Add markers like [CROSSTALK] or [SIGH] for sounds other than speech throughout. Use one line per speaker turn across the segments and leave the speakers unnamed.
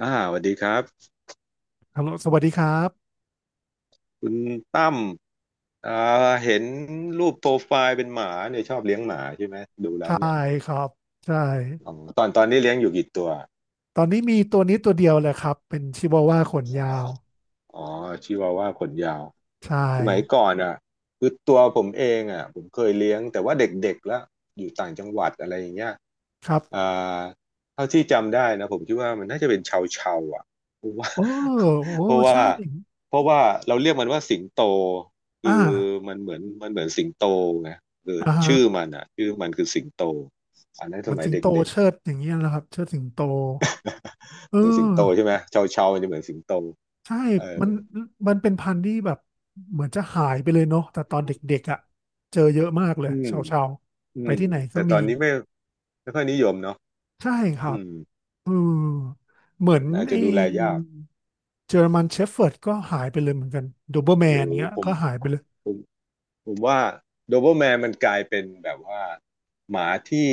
อ่าสวัสดีครับ
ฮัลโหลสวัสดีครับ
คุณตั้มอ่าเห็นรูปโปรไฟล์เป็นหมาเนี่ยชอบเลี้ยงหมาใช่ไหมดูแล้ว
ใช่
เนี่ย
ครับใช่
อ๋อตอนนี้เลี้ยงอยู่กี่ตัว
ตอนนี้มีตัวนี้ตัวเดียวเลยครับ เป็นชิวาว่าขนยาว
อ๋อชิวาว่าขนยาว
ใช่
สมัยก่อนอ่ะคือตัวผมเองอ่ะผมเคยเลี้ยงแต่ว่าเด็กๆแล้วอยู่ต่างจังหวัดอะไรอย่างเงี้ย
ครับ
อ่าเท่าที่จำได้นะผมคิดว่ามันน่าจะเป็นชาวชาวอ่ะเพราะว่า
โอ้โอ้
[LAUGHS] เพราะว่า
ใช่
เพราะว่าเราเรียกมันว่าสิงโตคื
อ่
อ
า
มันเหมือนสิงโตไงคือ
อ่าฮะ
ชื่อมันคือสิงโตอันนั้น
เห
ส
มือน
มัย
สิง
เ
โต
ด็ก
เชิดอย่างเงี้ยนะครับเชิดสิงโตเอ
ๆเหมือนสิง
อ
โตใช่ไหมชาวชาวมันจะเหมือนสิงโต
ใช่
เออ
มันมันเป็นพันธุ์ที่แบบ เหมือนจะหายไปเลยเนาะแต่ตอนเด็กๆอ่ะ เจอเยอะมากเลย
อืม
ชาวชาว
อื
ไป
ม
ที่ไหนก็
แต่ตอ
มี
นนี้ไม่ค่อยนิยมเนาะ
ใช่ครั
อื
บ
ม
อืมเหมือน
อาจจะ
ไอ้
ดูแลยาก
เจอร์มันเชฟเฟิร์ดก็หายไปเลยเหมือนกันโดเบอร์
โอ้
แม
โ
น
ห
เงี้ย
ผม
ก็หายไปเลย
ผม ผมว่าโดเ b อ e แมนมันกลายเป็นแบบว่าหมาที่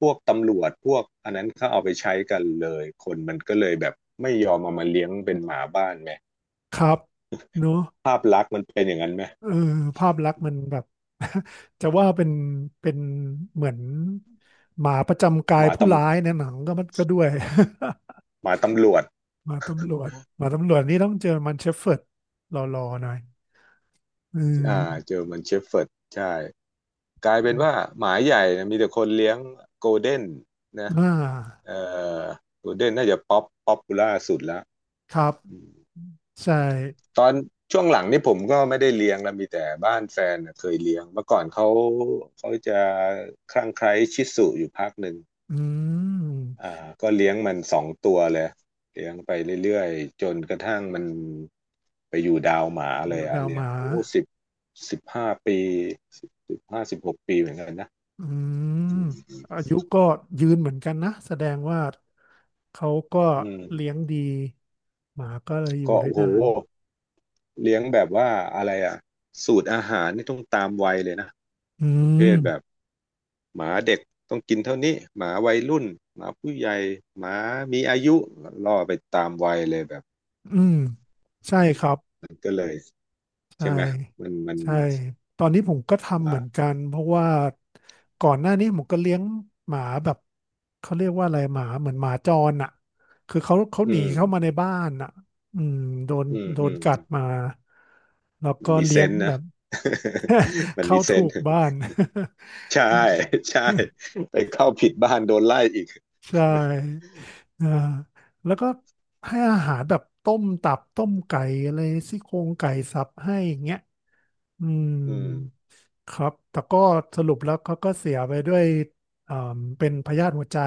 พวกตำรวจพวกอันนั้นเขาเอาไปใช้กันเลยคนมันก็เลยแบบไม่ยอมเอามาเลี้ยงเป็นหมาบ้านไหม
ครับเนอะ
ภาพลักษณ์มันเป็นอย่างนั้นไหม
เออภาพลักษณ์มันแบบ [LAUGHS] จะว่าเป็นเป็นเหมือนหมาประจำกา
ห
ย
มาต
ผู้ร้ายในหนังก็มันก็ด้วย
หมาตำรวจ
[LAUGHS] หมาตำรวจหมาตำรวจนี่ต้องเจอมันเชฟเฟิร์ดรอๆหน่อยอื
อ่า
ม
เจอมันเชฟเฟิร์ดใช่กลายเป็นว่าหมาใหญ่นะมีแต่คนเลี้ยงโกลเด้นนะ
อ่า
เอ่อโกลเด้นน่าจะป๊อปปูล่าสุดแล้ว
ครับใช่
ตอนช่วงหลังนี่ผมก็ไม่ได้เลี้ยงแล้วมีแต่บ้านแฟนน่ะเคยเลี้ยงเมื่อก่อนเขาเขาจะคลั่งไคล้ชิสุอยู่พักหนึ่ง
อืม
อ่าก็เลี้ยงมัน2 ตัวเลยเลี้ยงไปเรื่อยๆจนกระทั่งมันไปอยู่ดาวหมา
อ
เลย
ยู่
อะ
ดาว
เลี้
ห
ยง
มา
โอ้สิบ15 ปี15-16 ปีเหมือนกันนะ
อื
อื
ม
ม
อายุก็ยืนเหมือนกันนะแสดงว่าเขาก็
อืม
เลี้ยงดีหมาก็เลยอยู่
ก็
ได้
โอ้โห
นาน
เลี้ยงแบบว่าอะไรอะสูตรอาหารนี่ต้องตามวัยเลยนะ
อื
ประเภ
ม
ทแบบ หมาเด็กต้องกินเท่านี้หมาวัยรุ่นหมาผู้ใหญ่หมามีอายุล่อไปตามวัยเลยแบบ
อืมใช่ครับ
มันก็เลย
ใช่
ใช่ไหมมัน
ใช่ตอนนี้ผมก็ทำเหมือน
อ่า
กันเพราะว่าก่อนหน้านี้ผมก็เลี้ยงหมาแบบเขาเรียกว่าอะไรหมาเหมือนหมาจรอ่ะคือเขาห
อื
นี
ม
เข้ามาในบ้านอ่ะอืมโดน
อืม
โด
อื
น
ม
กัดมาแล้ว
มั
ก็
นมีเซ
เลี้ยง
นส์
แบ
นะ
บ
[LAUGHS]
[LAUGHS]
มัน
เข้า
มีเซ
ถู
นส์
กบ้าน
ใช่
[LAUGHS] อืม
[LAUGHS] ใช่ไปเข้าผิดบ้านโดนไล่อีก
ใช่
[LAUGHS]
อ่าแล้วก็ให้อาหารแบบต้มตับต้มไก่อะไรซี่โครงไก่สับให้อย่างเงี้ยอืม
อืม
ครับแต่ก็สรุปแล้วเขาก็เสียไปด้วยอ่าเป็นพยาธิหัวใจ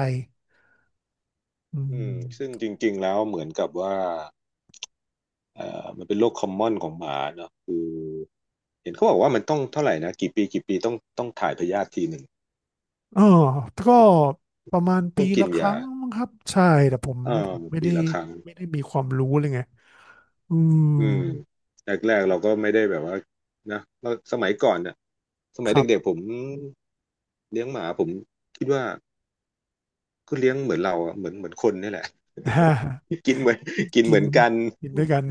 อื
อืมซึ่ง
ม
จริงๆแล้วเหมือนกับว่ามันเป็นโรคคอมมอนของหมาเนอะคือเห็นเขาบอกว่ามันต้องเท่าไหร่นะกี่ปีกี่ปีต้องถ่ายพยาธิทีหนึ่ง
อ๋อก็ประมาณ
ต้
ปี
องกิ
ละ
น
ครั้
ยา
งมั้งครับใช่แต่ผม
เอ
ผ
อ
มไม่
ปี
ได้
ละครั้ง
มีความรู้เลยไงอืม
อืมแรกๆเราก็ไม่ได้แบบว่านะเราสมัยก่อนเนี่ยสมั
ค
ย
รับ
เด็กๆผมเลี้ยงหมาผมคิดว่า ก็เลี้ยงเหมือนเราอะเหมือนเหมือนคนนี่แหละ
[LAUGHS]
[LAUGHS] กินเหมือนกิน
กิ
เห
น
มือนกัน
กินด้วยกัน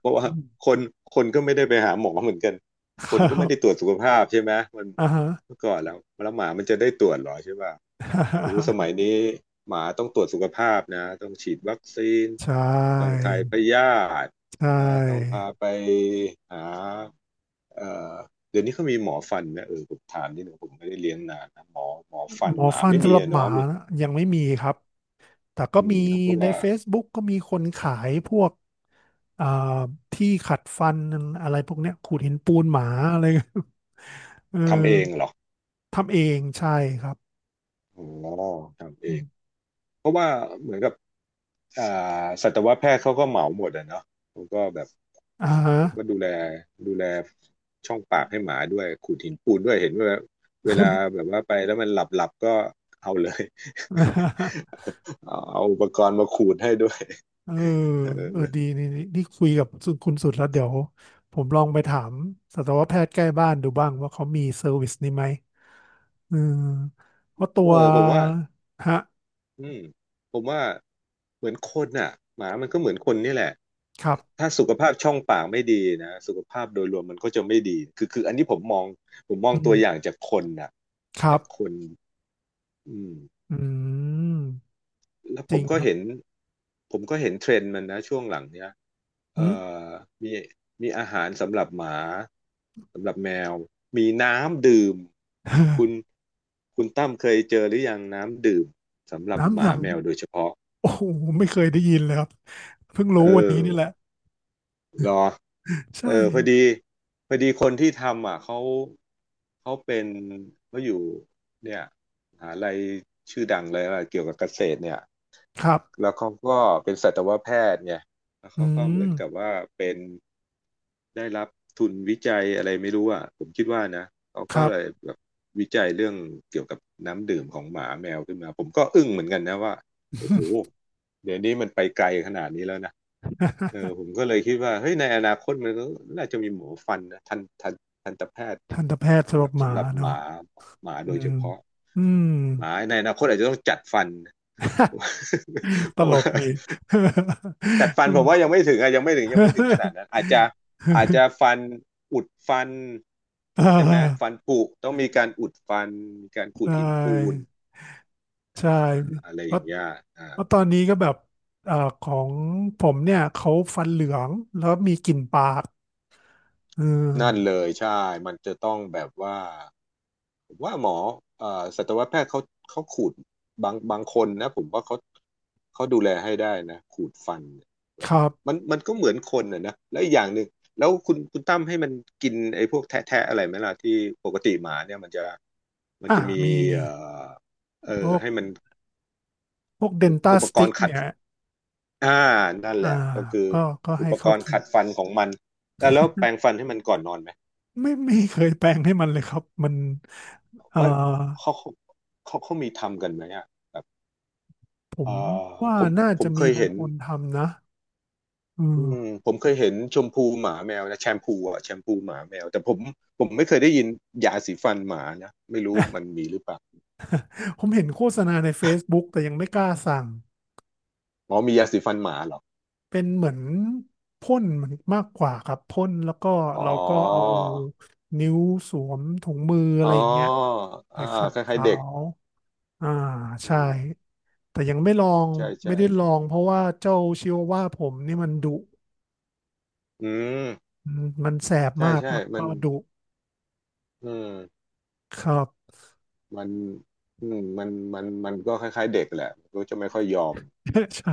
เพราะว่า
อืม
คนคนก็ไม่ได้ไปหาหมอเหมือนกันค
ค
น
รั
ก็ไม่ได้ต
บ
รวจสุขภาพใช่ไหมมัน
อ่าฮะ
เมื่อก่อนแล้วแล้วหมามันจะได้ตรวจเหรอใช่ป่ะโอ้ส
[LAUGHS]
มัยนี้หมาต้องตรวจสุขภาพนะต้องฉีดวัคซีน
ใช
ต้อง
่
ถ่ายพยาธิ
ใช
นะต้อง
่
พาไปหาเอ่อเดี๋ยวนี้เขามีหมอฟันไหมเออผมถามนิดหนึ่งผมไม่ได้เลี้ยงนานนะหมอฟัน
หมอ
หมา
ฟัน
ไม่
สำ
มี
หรับ
อะ
หมา
เนาะ
นะยังไม่มีครับแต่ก็
อื
มี
มเขาก็
ใน
ว่า
Facebook ก็มีคนขายพวกอ่าที่ขัดฟันอะไรพวกเนี้ยขูดหินปูนหมาอะไร [LAUGHS] เออ
ทำเองเหรอ
ทำเองใช่ครับ
อ๋อทำเอ
อ
ง
ม
เพราะว่าเหมือนกับอ่าสัตวแพทย์เขาก็เหมาหมดอะเนาะเขาก็แบบ
อ่าฮะ
เขาก็ดูแลช่องปากให้หมาด้วยขูดหินปูนด้วยเห็นว่าเวลาแบบว่าไปแล้วมันหลับหลับก็เอาเลย [LAUGHS] เอาอุปกรณ์มาขูดให้ด้วย
เออ
เอ
เออ ดี
อ
นี่นี่นี่คุยกับคุณสุดแล้วเดี๋ยวผมลองไปถามสัตวแพทย์ใกล้บ้านดูบ้างว่าเขามีเซอร์วิสนี้ไหม เออเพราะตัว
เออ
ฮะ
อืมผมว่าเหมือนคนอ่ะหมามันก็เหมือนคนนี่แหละ
ครับ
ถ้าสุขภาพช่องปากไม่ดีนะสุขภาพโดยรวมมันก็จะไม่ดีคืออันนี้ผมมอง
อื
ตั
ม
วอย่างจากคนน่ะ
ครั
จากค
บ
นอืม
อืม
แล้ว
จ
ผ
ริ
ม
ง
ก็
ครับ
เห็นผมก็เห็นเทรนด์มันนะช่วงหลังเนี้ย
อื
เอ่
ม
อมีมีอาหารสำหรับหมาสำหรับแมวมีน้ำดื่มคุณ
[LAUGHS]
คุณตั้มเคยเจอหรือยังน้ำดื่มสำหรับ
น้ำ
ห
หน
มาแมวโดยเฉ
ำ
พาะ
โอ้โห ไม่เคยได้ยินเลยครับ เพิ่งรู้
เอ
วันนี้
อ
นี่แหละ
เหรอ
ใช่
เออพอดีพอดีคนที่ทำอ่ะเขาเป็นเขาอยู่เนี่ยมหาลัยชื่อดังเลยอะไรเกี่ยวกับเกษตรเนี่ย
ครับ
แล้วเขาก็เป็นสัตวแพทย์ไงแล้ว
อื
เขาก็เห
ม
มือนกับว่าเป็นได้รับทุนวิจัยอะไรไม่รู้อ่ะผมคิดว่านะเขา
ค
ก็
รับ
เลยแบบวิจัยเรื่องเกี่ยวกับน้ำดื่มของหมาแมวขึ้นมาผมก็อึ้งเหมือนกันนะว่าโอ้โหเดี๋ยวนี้มันไปไกลขนาดนี้แล้วนะ เออผมก็เลยคิดว่าเฮ้ยในอนาคตมันก็น่าจะมีหมอฟันนะทันตแพทย์
[LAUGHS] ทันตแพทย์สำห
แบ
รับ
บ
หมา
สำหรับห
เนาะ
มาหมา
อื
โดยเฉ
ม
พาะ
อืม
หมาในอนาคตอาจจะต้องจัดฟัน
[LAUGHS]
[LAUGHS]
ต
เพราะ
ล
ว่า
กดี
จัดฟันผมว่ายังไม่ถึงขนาด
[LAUGHS]
นั้นอาจจะฟันอุดฟัน
อ่
ใช่ไหม
า
ฟันผุต้องมีการอุดฟันมีการ
ใช
ขูดหินปูน
่
อ่า
ใช่
อะไร
เพ
อ
ราะ
ย่างเงี้ยอ่า
เพราะตอนนี้ก็แบบอ่าของผมเนี่ยเขาฟันเหลืองแล้วมีกลิ่นปากเ
นั่น
ออ
เลยใช่มันจะต้องแบบว่าผมว่าหมอเอ่อสัตวแพทย์เขาขูดบางคนนะผมว่าเขาดูแลให้ได้นะขูดฟันเนี่ยแบ
ค
บ
รับ
มันก็เหมือนคนอ่ะนะแล้วอีกอย่างหนึ่งแล้วคุณตั้มให้มันกินไอ้พวกแทะอะไรไหมล่ะที่ปกติหมาเนี่ยมันจะ
อ่า
มี
มี
เอ่อ
พวก
ให้มัน
พวกเดนต้า
อุป
ส
ก
ติ๊
ร
ก
ณ์ขัด
เนี่ย
อ่านั่น
อ่า
แหละก็คือ
ก็ก็
อุ
ให้
ปก
เขา
รณ์
กิน
ขัดฟันของมันแล้วแปรงฟันให้มันก่อนนอนไหม
ไม่เคยแปลงให้มันเลยครับ มันเอ่อ
ไม่เขาเขามีทำกันไหมอ่ะแบบ
ผ
เอ
ม
อ
ว่า
ผม
น่าจะ
เค
มี
ย
บาง
เห็น
คนทำนะอื
อื
ม
มผมเคยเห็นชมพูหมาแมวนะแชมพูอ่ะแชมพูหมาแมวแต่ผมไม่เคยได้ยินยาสีฟันหมานะไม่รู้มันมีหรือเปล่า
ผมเห็นโฆษณาใน Facebook แต่ยังไม่กล้าสั่ง
อ๋อมียาสีฟันหมาเหรอ
เป็นเหมือนพ่นเหมือนมากกว่าครับพ่นแล้วก็
อ๋อ
เราก็เอานิ้วสวมถุงมืออะ
อ๋อ
ไรอย่างเงี้ยไป
อ่า
ขัด
คล้ายๆ
เขา
เด็ก
อ่า
อื
ใช่
ม
แต่ยังไม่ลอง
ใช่
ไม่
ใช่
ได้ลองเพราะว่าเจ้าชิวาว่าผมนี่มันดุ
อืม
อืมมันแสบ
ใช่
มาก
ใช่
แล้ว
มั
ก็
น
ดุ
อืม
ครับ
มันอืมมันมันก็คล้ายๆเด็กแหละก็จะไม่ค่อยยอม
[LAUGHS] ใช่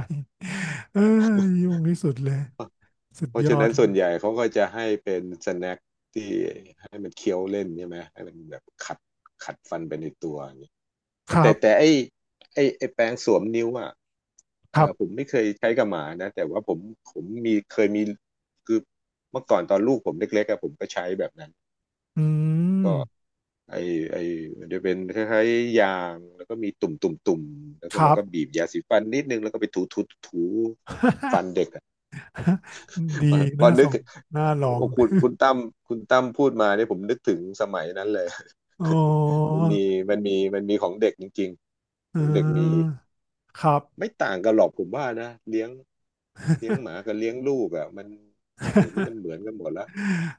เอ้ยยุ่งที่สุดเลยสุด
เพราะ
ยอ
ฉะนั้
ด
นส่วนใหญ่เขาก็จะให้เป็นสแน็คที่ให้มันเคี้ยวเล่นใช่ไหมให้มันแบบขัดฟันไปในตัวอย่างนี้
ครั
แต่
บ
ไอ้แปรงสวมนิ้วอ่ะ
ครับ
ผมไม่เคยใช้กับหมานะแต่ว่าผมผมมีเคยมีคือเมื่อก่อนตอนลูกผมเล็กๆอะผมก็ใช้แบบนั้น
อืม
ก็ไอไอมันจะเป็นคล้ายๆยางแล้วก็มีตุ่มตุ่มแล้ว
ค
ก็
รั
เรา
บ
ก็บีบยาสีฟันนิดนึงแล้วก็ไปถูถูฟัน
[LAUGHS]
เด็กอะ
[LAUGHS] ดี
[LAUGHS] พอ
น่าส
นึก
งน่าลอง
โอ้คุณคุณตั้มพูดมาเนี่ยผมนึกถึงสมัยนั้นเลย [LAUGHS]
[LAUGHS] อ๋อ
มันมีมันมีของเด็กจริง
เ
ๆของเด็กมี
ออครับ
ไม่ต่างกันหรอกผมว่านะเลี้ยงหมากับเลี้ยงลูกอ่ะมันเดี๋ยวนี้มันเหมือ
[LAUGHS]
นกันหมดละ [LAUGHS]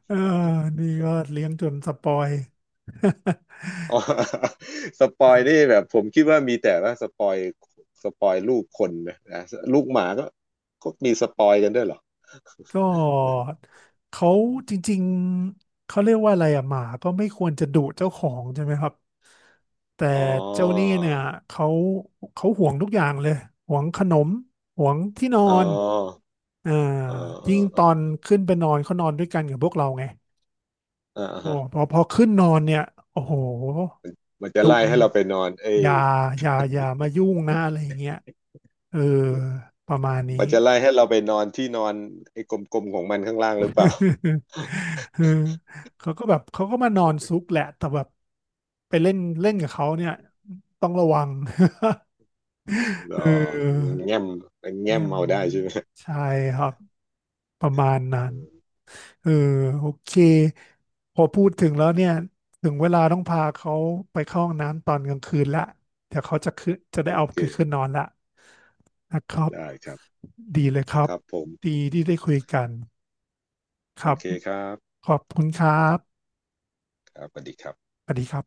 เออนี่ก็เลี้ยงจนสปอย [LAUGHS]
อ๋อ [LAUGHS] สปอยนี่แบบผมคิดว่ามีแต่ว่าสปอยลูกคนนะนะลูกหมาก็มีสปอยกันด้วยเหรอ
ก็เขาจริงๆเขาเรียกว่าอะไรอะหมาก็ไม่ควรจะดุเจ้าของใช่ไหมครับแต่
[LAUGHS] อ๋
เจ้านี่
อ
เนี่ยเขาเขาห่วงทุกอย่างเลยห่วงขนมห่วงที่นอ
อ๋อ
นอ่า
อ๋ออ๋อ
ยิ่งต
อ๋
อน
อ
ขึ้นไปนอนเขานอนด้วยกันกับพวกเราไง
อออ่า
โอ้
ฮะ
พอขึ้นนอนเนี่ยโอ้โห
มันจะ
ดุ
ไล่
เล
ให้
ย
เราไปนอนเอ้
อ
ย
ย่าอย่าอย่ามายุ่งนะอะไรอย่างเงี้ยเออประมาณนี้
มันจะไล่ให้เราไปนอนที่นอนไอ้กลมๆของมันข้างล่างหรือเปล่า
[LAUGHS]
[LAUGHS]
เออเขาก็แบบเขาก็มานอนซุกแหละแต่แบบไปเล่นเล่นกับเขาเนี่ยต้องระวัง
หร
[LAUGHS] เ
อ
ออ
แง้มมันแง้
เงี้
ม
ย
เอาได้
มา
ใช่
ก
ไหม
ใช่ครับประมาณนั้น
อืม
เออโอเคพอพูดถึงแล้วเนี่ยถึงเวลาต้องพาเขาไปเข้าห้องน้ำตอนกลางคืนละเดี๋ยวเขาจะขึ้นจะได้
โอ
เอา
เค
ขึ้นนอนละนะครับ
ได้ครับ
ดีเลยครั
ค
บ
รับผม
ดีที่ได้คุยกันค
โอ
รับ
เคครับ
ขอบคุณครับ
ครับสวัสดีครับ
สวัสดีครับ